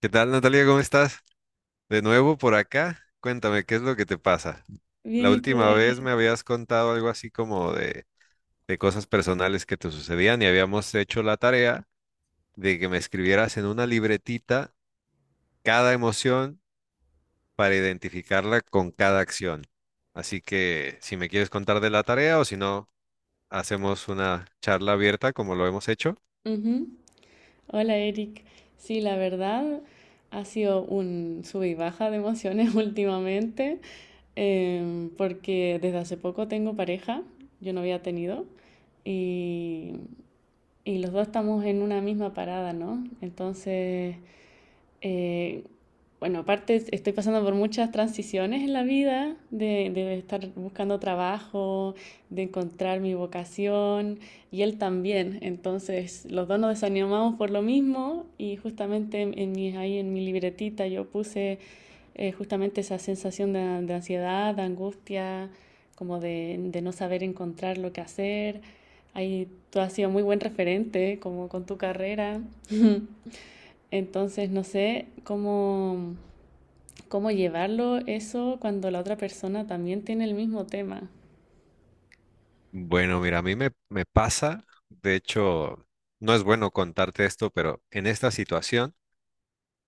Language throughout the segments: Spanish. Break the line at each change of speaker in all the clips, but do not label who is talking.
¿Qué tal, Natalia? ¿Cómo estás? De nuevo por acá. Cuéntame, ¿qué es lo que te pasa?
Bien,
La
¿y tú,
última vez
Eric?
me habías contado algo así como de cosas personales que te sucedían y habíamos hecho la tarea de que me escribieras en una libretita cada emoción para identificarla con cada acción. Así que si me quieres contar de la tarea o si no, hacemos una charla abierta como lo hemos hecho.
Ujú. Hola, Eric. Sí, la verdad ha sido un sub y baja de emociones últimamente, porque desde hace poco tengo pareja, yo no había tenido, y, y los dos estamos en una misma parada, ¿no? Entonces, Eh, bueno, aparte estoy pasando por muchas transiciones en la vida, de estar buscando trabajo, de encontrar mi vocación y él también. Entonces, los dos nos desanimamos por lo mismo y justamente ahí en mi libretita yo puse justamente esa sensación de ansiedad, de angustia, como de no saber encontrar lo que hacer. Ahí tú has sido muy buen referente, como con tu carrera. Entonces, no sé cómo llevarlo eso cuando la otra persona también tiene el mismo tema.
Bueno, mira, a mí me pasa, de hecho, no es bueno contarte esto, pero en esta situación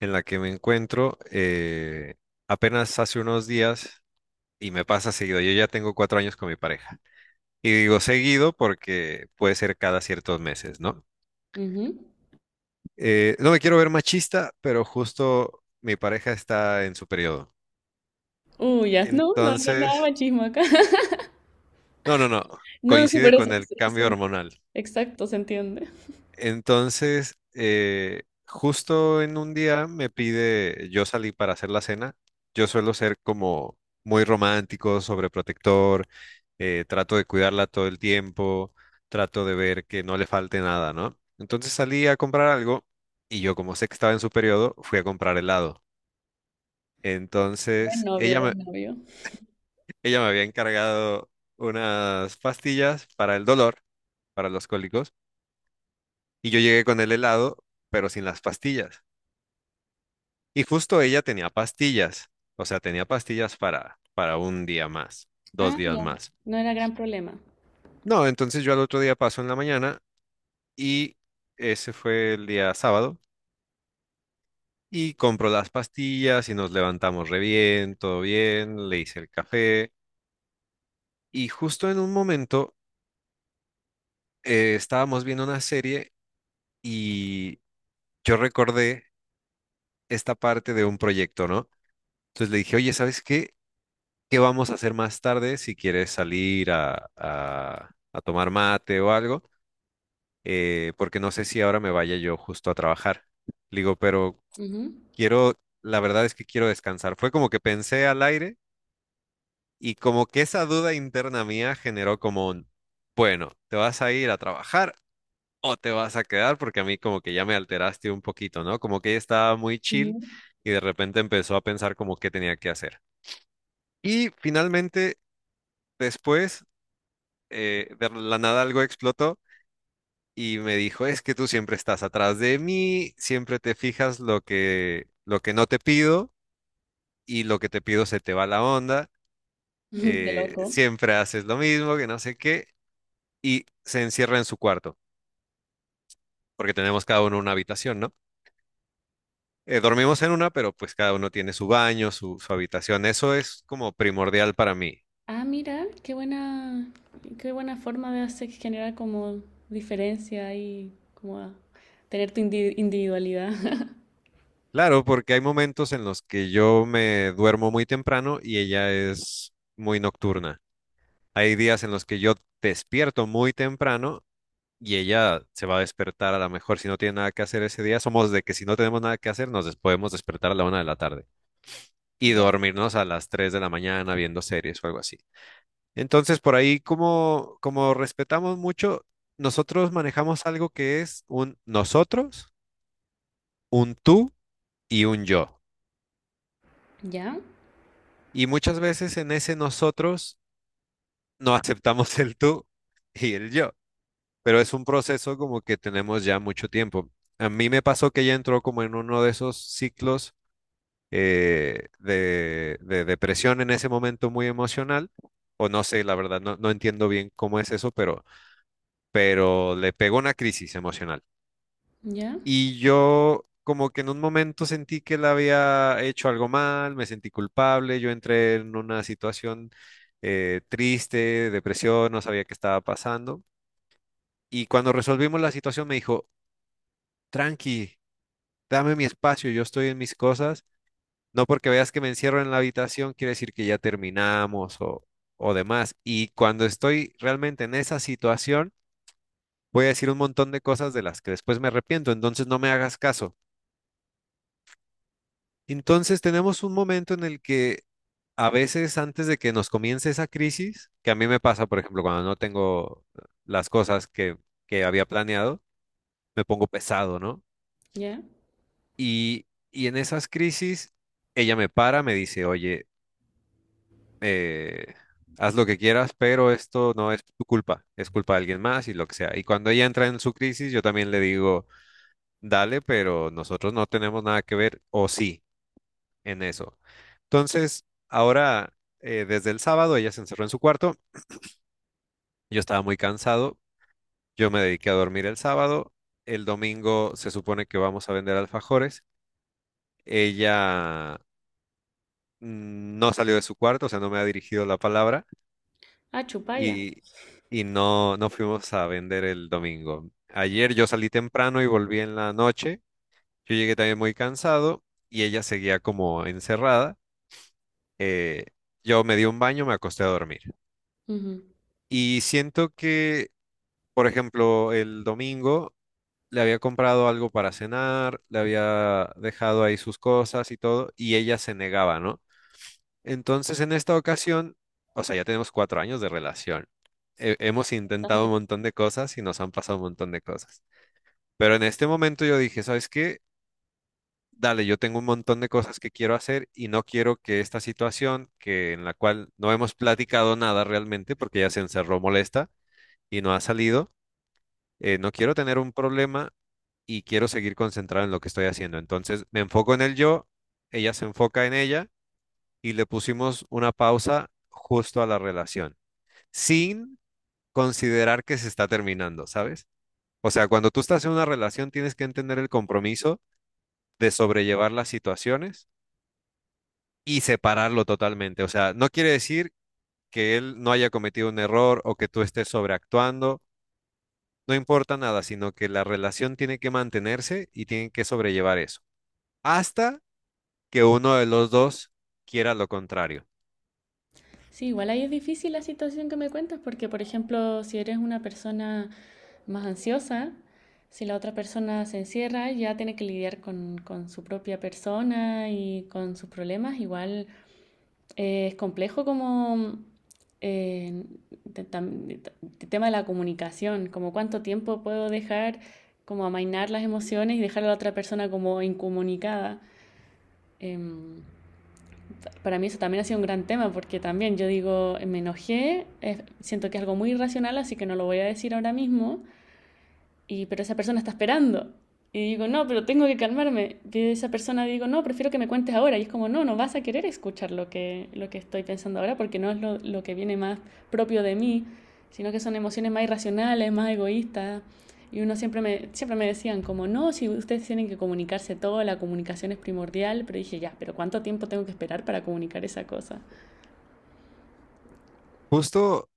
en la que me encuentro, apenas hace unos días y me pasa seguido. Yo ya tengo 4 años con mi pareja. Y digo seguido porque puede ser cada ciertos meses, ¿no?
Ujú.
No me quiero ver machista, pero justo mi pareja está en su periodo.
Ya, no, no, no, nada
Entonces,
machismo acá.
no, no, no,
No, sí,
coincide
por eso.
con el
Sí,
cambio
sí.
hormonal.
Exacto, se entiende.
Entonces, justo en un día me pide, yo salí para hacer la cena. Yo suelo ser como muy romántico, sobreprotector, trato de cuidarla todo el tiempo, trato de ver que no le falte nada, ¿no? Entonces salí a comprar algo y yo, como sé que estaba en su periodo, fui a comprar helado.
Buen
Entonces,
novio,
ella me,
buen novio.
ella me había encargado unas pastillas para el dolor, para los cólicos, y yo llegué con el helado, pero sin las pastillas. Y justo ella tenía pastillas, o sea, tenía pastillas para un día más, dos
Ah,
días
ya.
más.
No era gran problema.
No, entonces yo al otro día paso en la mañana y ese fue el día sábado, y compro las pastillas y nos levantamos re bien, todo bien, le hice el café. Y justo en un momento, estábamos viendo una serie y yo recordé esta parte de un proyecto, ¿no? Entonces le dije, oye, ¿sabes qué? Qué vamos a hacer más tarde, si quieres salir a tomar mate o algo, porque no sé si ahora me vaya yo justo a trabajar. Le digo, pero
Ujú.
quiero, la verdad es que quiero descansar. Fue como que pensé al aire, y como que esa duda interna mía generó como un, bueno, ¿te vas a ir a trabajar o te vas a quedar? Porque a mí como que ya me alteraste un poquito, ¿no? Como que ella estaba muy chill
Ujú.
y de repente empezó a pensar como qué tenía que hacer. Y finalmente, después, de la nada algo explotó y me dijo, es que tú siempre estás atrás de mí, siempre te fijas lo que, no te pido, y lo que te pido se te va la onda,
Qué loco.
siempre haces lo mismo, que no sé qué, y se encierra en su cuarto, porque tenemos cada uno una habitación, ¿no? Dormimos en una, pero pues cada uno tiene su baño, su habitación. Eso es como primordial para mí.
Ah, mira, qué buena forma de hacer generar como diferencia y como a tener tu individualidad.
Claro, porque hay momentos en los que yo me duermo muy temprano y ella es muy nocturna. Hay días en los que yo despierto muy temprano y ella se va a despertar, a lo mejor, si no tiene nada que hacer ese día. Somos de que si no tenemos nada que hacer, podemos despertar a la 1:00 de la tarde y
Ya.
dormirnos a las 3:00 de la mañana viendo series o algo así. Entonces, por ahí, como, respetamos mucho, nosotros manejamos algo que es un nosotros, un tú y un yo.
¿Ya?
Y muchas veces en ese nosotros no aceptamos el tú y el yo, pero es un proceso como que tenemos ya mucho tiempo. A mí me pasó que ella entró como en uno de esos ciclos, de, depresión, en ese momento muy emocional, o no sé, la verdad, no entiendo bien cómo es eso, pero le pegó una crisis emocional.
¿Ya?
Y yo como que en un momento sentí que la había hecho algo mal, me sentí culpable, yo entré en una situación, triste, depresión, no sabía qué estaba pasando. Y cuando resolvimos la situación me dijo, tranqui, dame mi espacio, yo estoy en mis cosas. No porque veas que me encierro en la habitación quiere decir que ya terminamos o demás. Y cuando estoy realmente en esa situación, voy a decir un montón de cosas de las que después me arrepiento, entonces no me hagas caso. Entonces tenemos un momento en el que a veces, antes de que nos comience esa crisis, que a mí me pasa, por ejemplo, cuando no tengo las cosas que había planeado, me pongo pesado, ¿no?
Ya.
Y, en esas crisis, ella me para, me dice, oye, eh, haz lo que quieras, pero esto no es tu culpa, es culpa de alguien más y lo que sea. Y cuando ella entra en su crisis, yo también le digo, dale, pero nosotros no tenemos nada que ver, o sí, en eso. Entonces, ahora, desde el sábado, ella se encerró en su cuarto. Yo estaba muy cansado, yo me dediqué a dormir el sábado. El domingo se supone que vamos a vender alfajores, ella no salió de su cuarto, o sea, no me ha dirigido la palabra.
Ah, chupalla.
y, y no fuimos a vender el domingo. Ayer yo salí temprano y volví en la noche. Yo llegué también muy cansado y ella seguía como encerrada. Eh, yo me di un baño, me acosté a dormir.
Ujú.
Y siento que, por ejemplo, el domingo le había comprado algo para cenar, le había dejado ahí sus cosas y todo, y ella se negaba, ¿no? Entonces, en esta ocasión, o sea, ya tenemos 4 años de relación. Hemos intentado un
Bastante.
montón de cosas y nos han pasado un montón de cosas. Pero en este momento yo dije, ¿sabes qué? Dale, yo tengo un montón de cosas que quiero hacer y no quiero que esta situación, que en la cual no hemos platicado nada realmente, porque ya se encerró molesta y no ha salido, no quiero tener un problema y quiero seguir concentrado en lo que estoy haciendo. Entonces, me enfoco en el yo, ella se enfoca en ella, y le pusimos una pausa justo a la relación, sin considerar que se está terminando, ¿sabes? O sea, cuando tú estás en una relación tienes que entender el compromiso de sobrellevar las situaciones y separarlo totalmente. O sea, no quiere decir que él no haya cometido un error o que tú estés sobreactuando, no importa nada, sino que la relación tiene que mantenerse y tienen que sobrellevar eso, hasta que uno de los dos quiera lo contrario.
Sí, igual ahí es difícil la situación que me cuentas porque, por ejemplo, si eres una persona más ansiosa, si la otra persona se encierra, ya tiene que lidiar con su propia persona y con sus problemas. Igual es complejo como eh, te- tam- te- el tema de la comunicación, como cuánto tiempo puedo dejar como amainar las emociones y dejar a la otra persona como incomunicada. Em, para mí eso también ha sido un gran tema, porque también yo digo, me enojé, siento que es algo muy irracional, así que no lo voy a decir ahora mismo, y pero esa persona está esperando. Y digo, no, pero tengo que calmarme. Y esa persona digo, no, prefiero que me cuentes ahora. Y es como, no, no vas a querer escuchar lo que estoy pensando ahora porque no es lo que viene más propio de mí, sino que son emociones más irracionales, más egoístas. Y uno siempre me decían como, no, si ustedes tienen que comunicarse todo, la comunicación es primordial. Pero dije, ya, pero ¿cuánto tiempo tengo que esperar para comunicar esa cosa?
Justo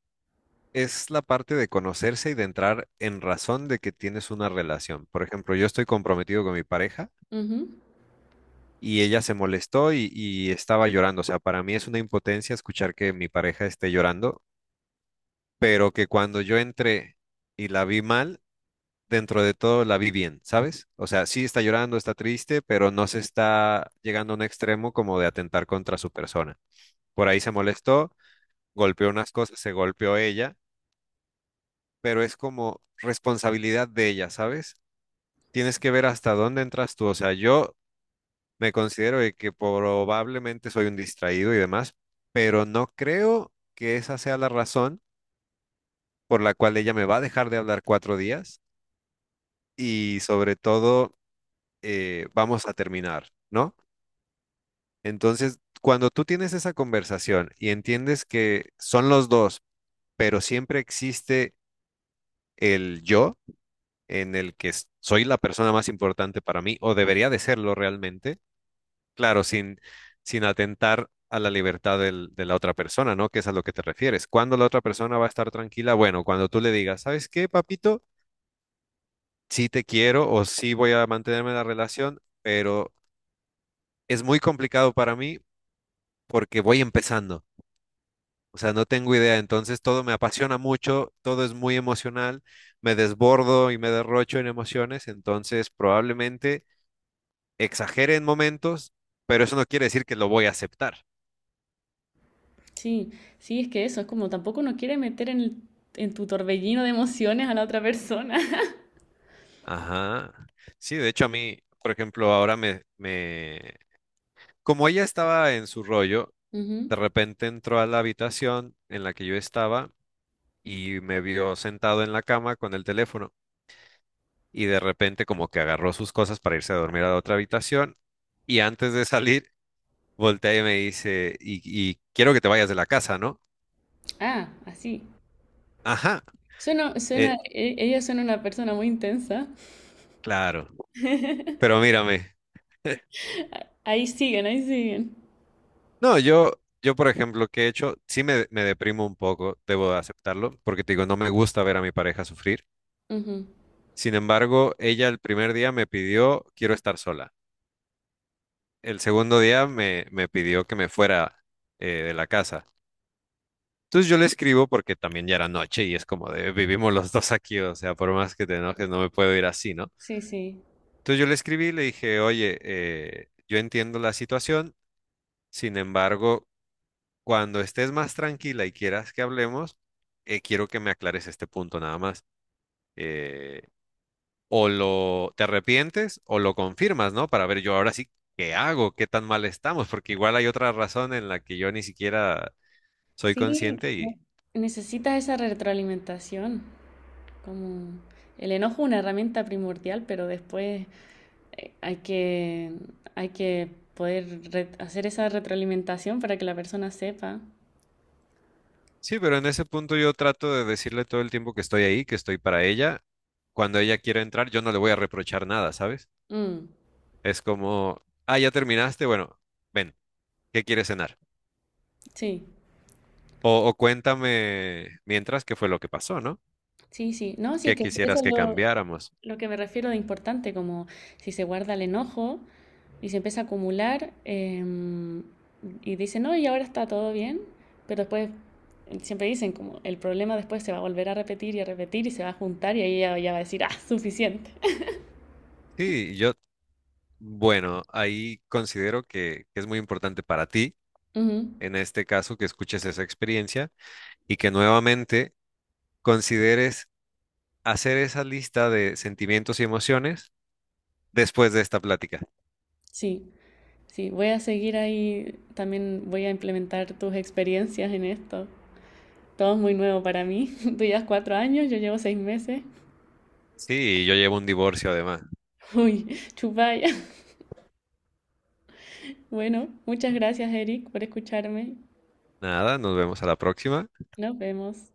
es la parte de conocerse y de entrar en razón de que tienes una relación. Por ejemplo, yo estoy comprometido con mi pareja,
Uh -huh.
y ella se molestó y estaba llorando. O sea, para mí es una impotencia escuchar que mi pareja esté llorando, pero que cuando yo entré y la vi mal, dentro de todo la vi bien, ¿sabes? O sea, sí está llorando, está triste, pero no se está llegando a un extremo como de atentar contra su persona. Por ahí se molestó, golpeó unas cosas, se golpeó ella, pero es como responsabilidad de ella, ¿sabes? Tienes que ver hasta dónde entras tú. O sea, yo me considero de que probablemente soy un distraído y demás, pero no creo que esa sea la razón por la cual ella me va a dejar de hablar 4 días, y sobre todo, vamos a terminar, ¿no? Entonces, cuando tú tienes esa conversación y entiendes que son los dos, pero siempre existe el yo, en el que soy la persona más importante para mí, o debería de serlo realmente. Claro, sin atentar a la libertad de la otra persona, ¿no? Que es a lo que te refieres. ¿Cuándo la otra persona va a estar tranquila? Bueno, cuando tú le digas, ¿sabes qué, papito? Sí te quiero, o sí voy a mantenerme en la relación, pero es muy complicado para mí porque voy empezando. O sea, no tengo idea. Entonces todo me apasiona mucho, todo es muy emocional, me desbordo y me derrocho en emociones, entonces probablemente exagere en momentos, pero eso no quiere decir que lo voy a aceptar.
Sí, sí, es que eso, es como tampoco uno quiere meter en tu torbellino de emociones a la otra persona.
Ajá. Sí, de hecho a mí, por ejemplo, ahora me. Como ella estaba en su rollo, de
Ujú.
repente entró a la habitación en la que yo estaba y me vio sentado en la cama con el teléfono, y de repente como que agarró sus cosas para irse a dormir a la otra habitación, y antes de salir voltea y me dice, y quiero que te vayas de la casa, ¿no?
Ah, así.
Ajá,
Suena, suena,
eh,
e- ella suena una persona muy intensa.
claro, pero mírame.
Ahí siguen, ahí siguen.
No, yo, por ejemplo, que he hecho, sí me deprimo un poco, debo de aceptarlo, porque te digo, no me gusta ver a mi pareja sufrir.
Ujú.
Sin embargo, ella el primer día me pidió, quiero estar sola. El segundo día me pidió que me fuera, de la casa. Entonces yo le escribo, porque también ya era noche y es como de, vivimos los dos aquí, o sea, por más que te enojes, no me puedo ir así, ¿no?
Sí, sí.
Entonces yo le escribí y le dije, oye, yo entiendo la situación. Sin embargo, cuando estés más tranquila y quieras que hablemos, quiero que me aclares este punto nada más. Eh, o lo te arrepientes o lo confirmas, ¿no? Para ver yo ahora sí qué hago, qué tan mal estamos, porque igual hay otra razón en la que yo ni siquiera soy
Sí,
consciente. Y
necesitas esa retroalimentación. Como el enojo es una herramienta primordial, pero después eh, hay que, hay que poder hacer esa retroalimentación para que la persona sepa.
sí, pero en ese punto yo trato de decirle todo el tiempo que estoy ahí, que estoy para ella. Cuando ella quiera entrar, yo no le voy a reprochar nada, ¿sabes?
Mm.
Es como, ah, ya terminaste, bueno, ven, ¿qué quieres cenar?
Sí,
O cuéntame mientras qué fue lo que pasó, ¿no?
sí, sí. No, sí, es
¿Qué
que eso es
quisieras que
lo,
cambiáramos?
lo que me refiero de importante, como si se guarda el enojo y se empieza a acumular y dice, no, y ahora está todo bien, pero después siempre dicen como el problema después se va a volver a repetir y se va a juntar y ahí ya va a decir, ah, suficiente.
Sí, yo, bueno, ahí considero que es muy importante para ti,
Ujú.
en este caso, que escuches esa experiencia y que nuevamente consideres hacer esa lista de sentimientos y emociones después de esta plática.
Sí, sí, voy a seguir ahí, también voy a implementar tus experiencias en esto. Todo es muy nuevo para mí. Tú llevas 4 años, yo llevo 6 meses.
Sí, yo llevo un divorcio además.
Uy, chupalla. Bueno, muchas gracias, Eric, por escucharme.
Nada, nos vemos a la próxima.
Nos vemos.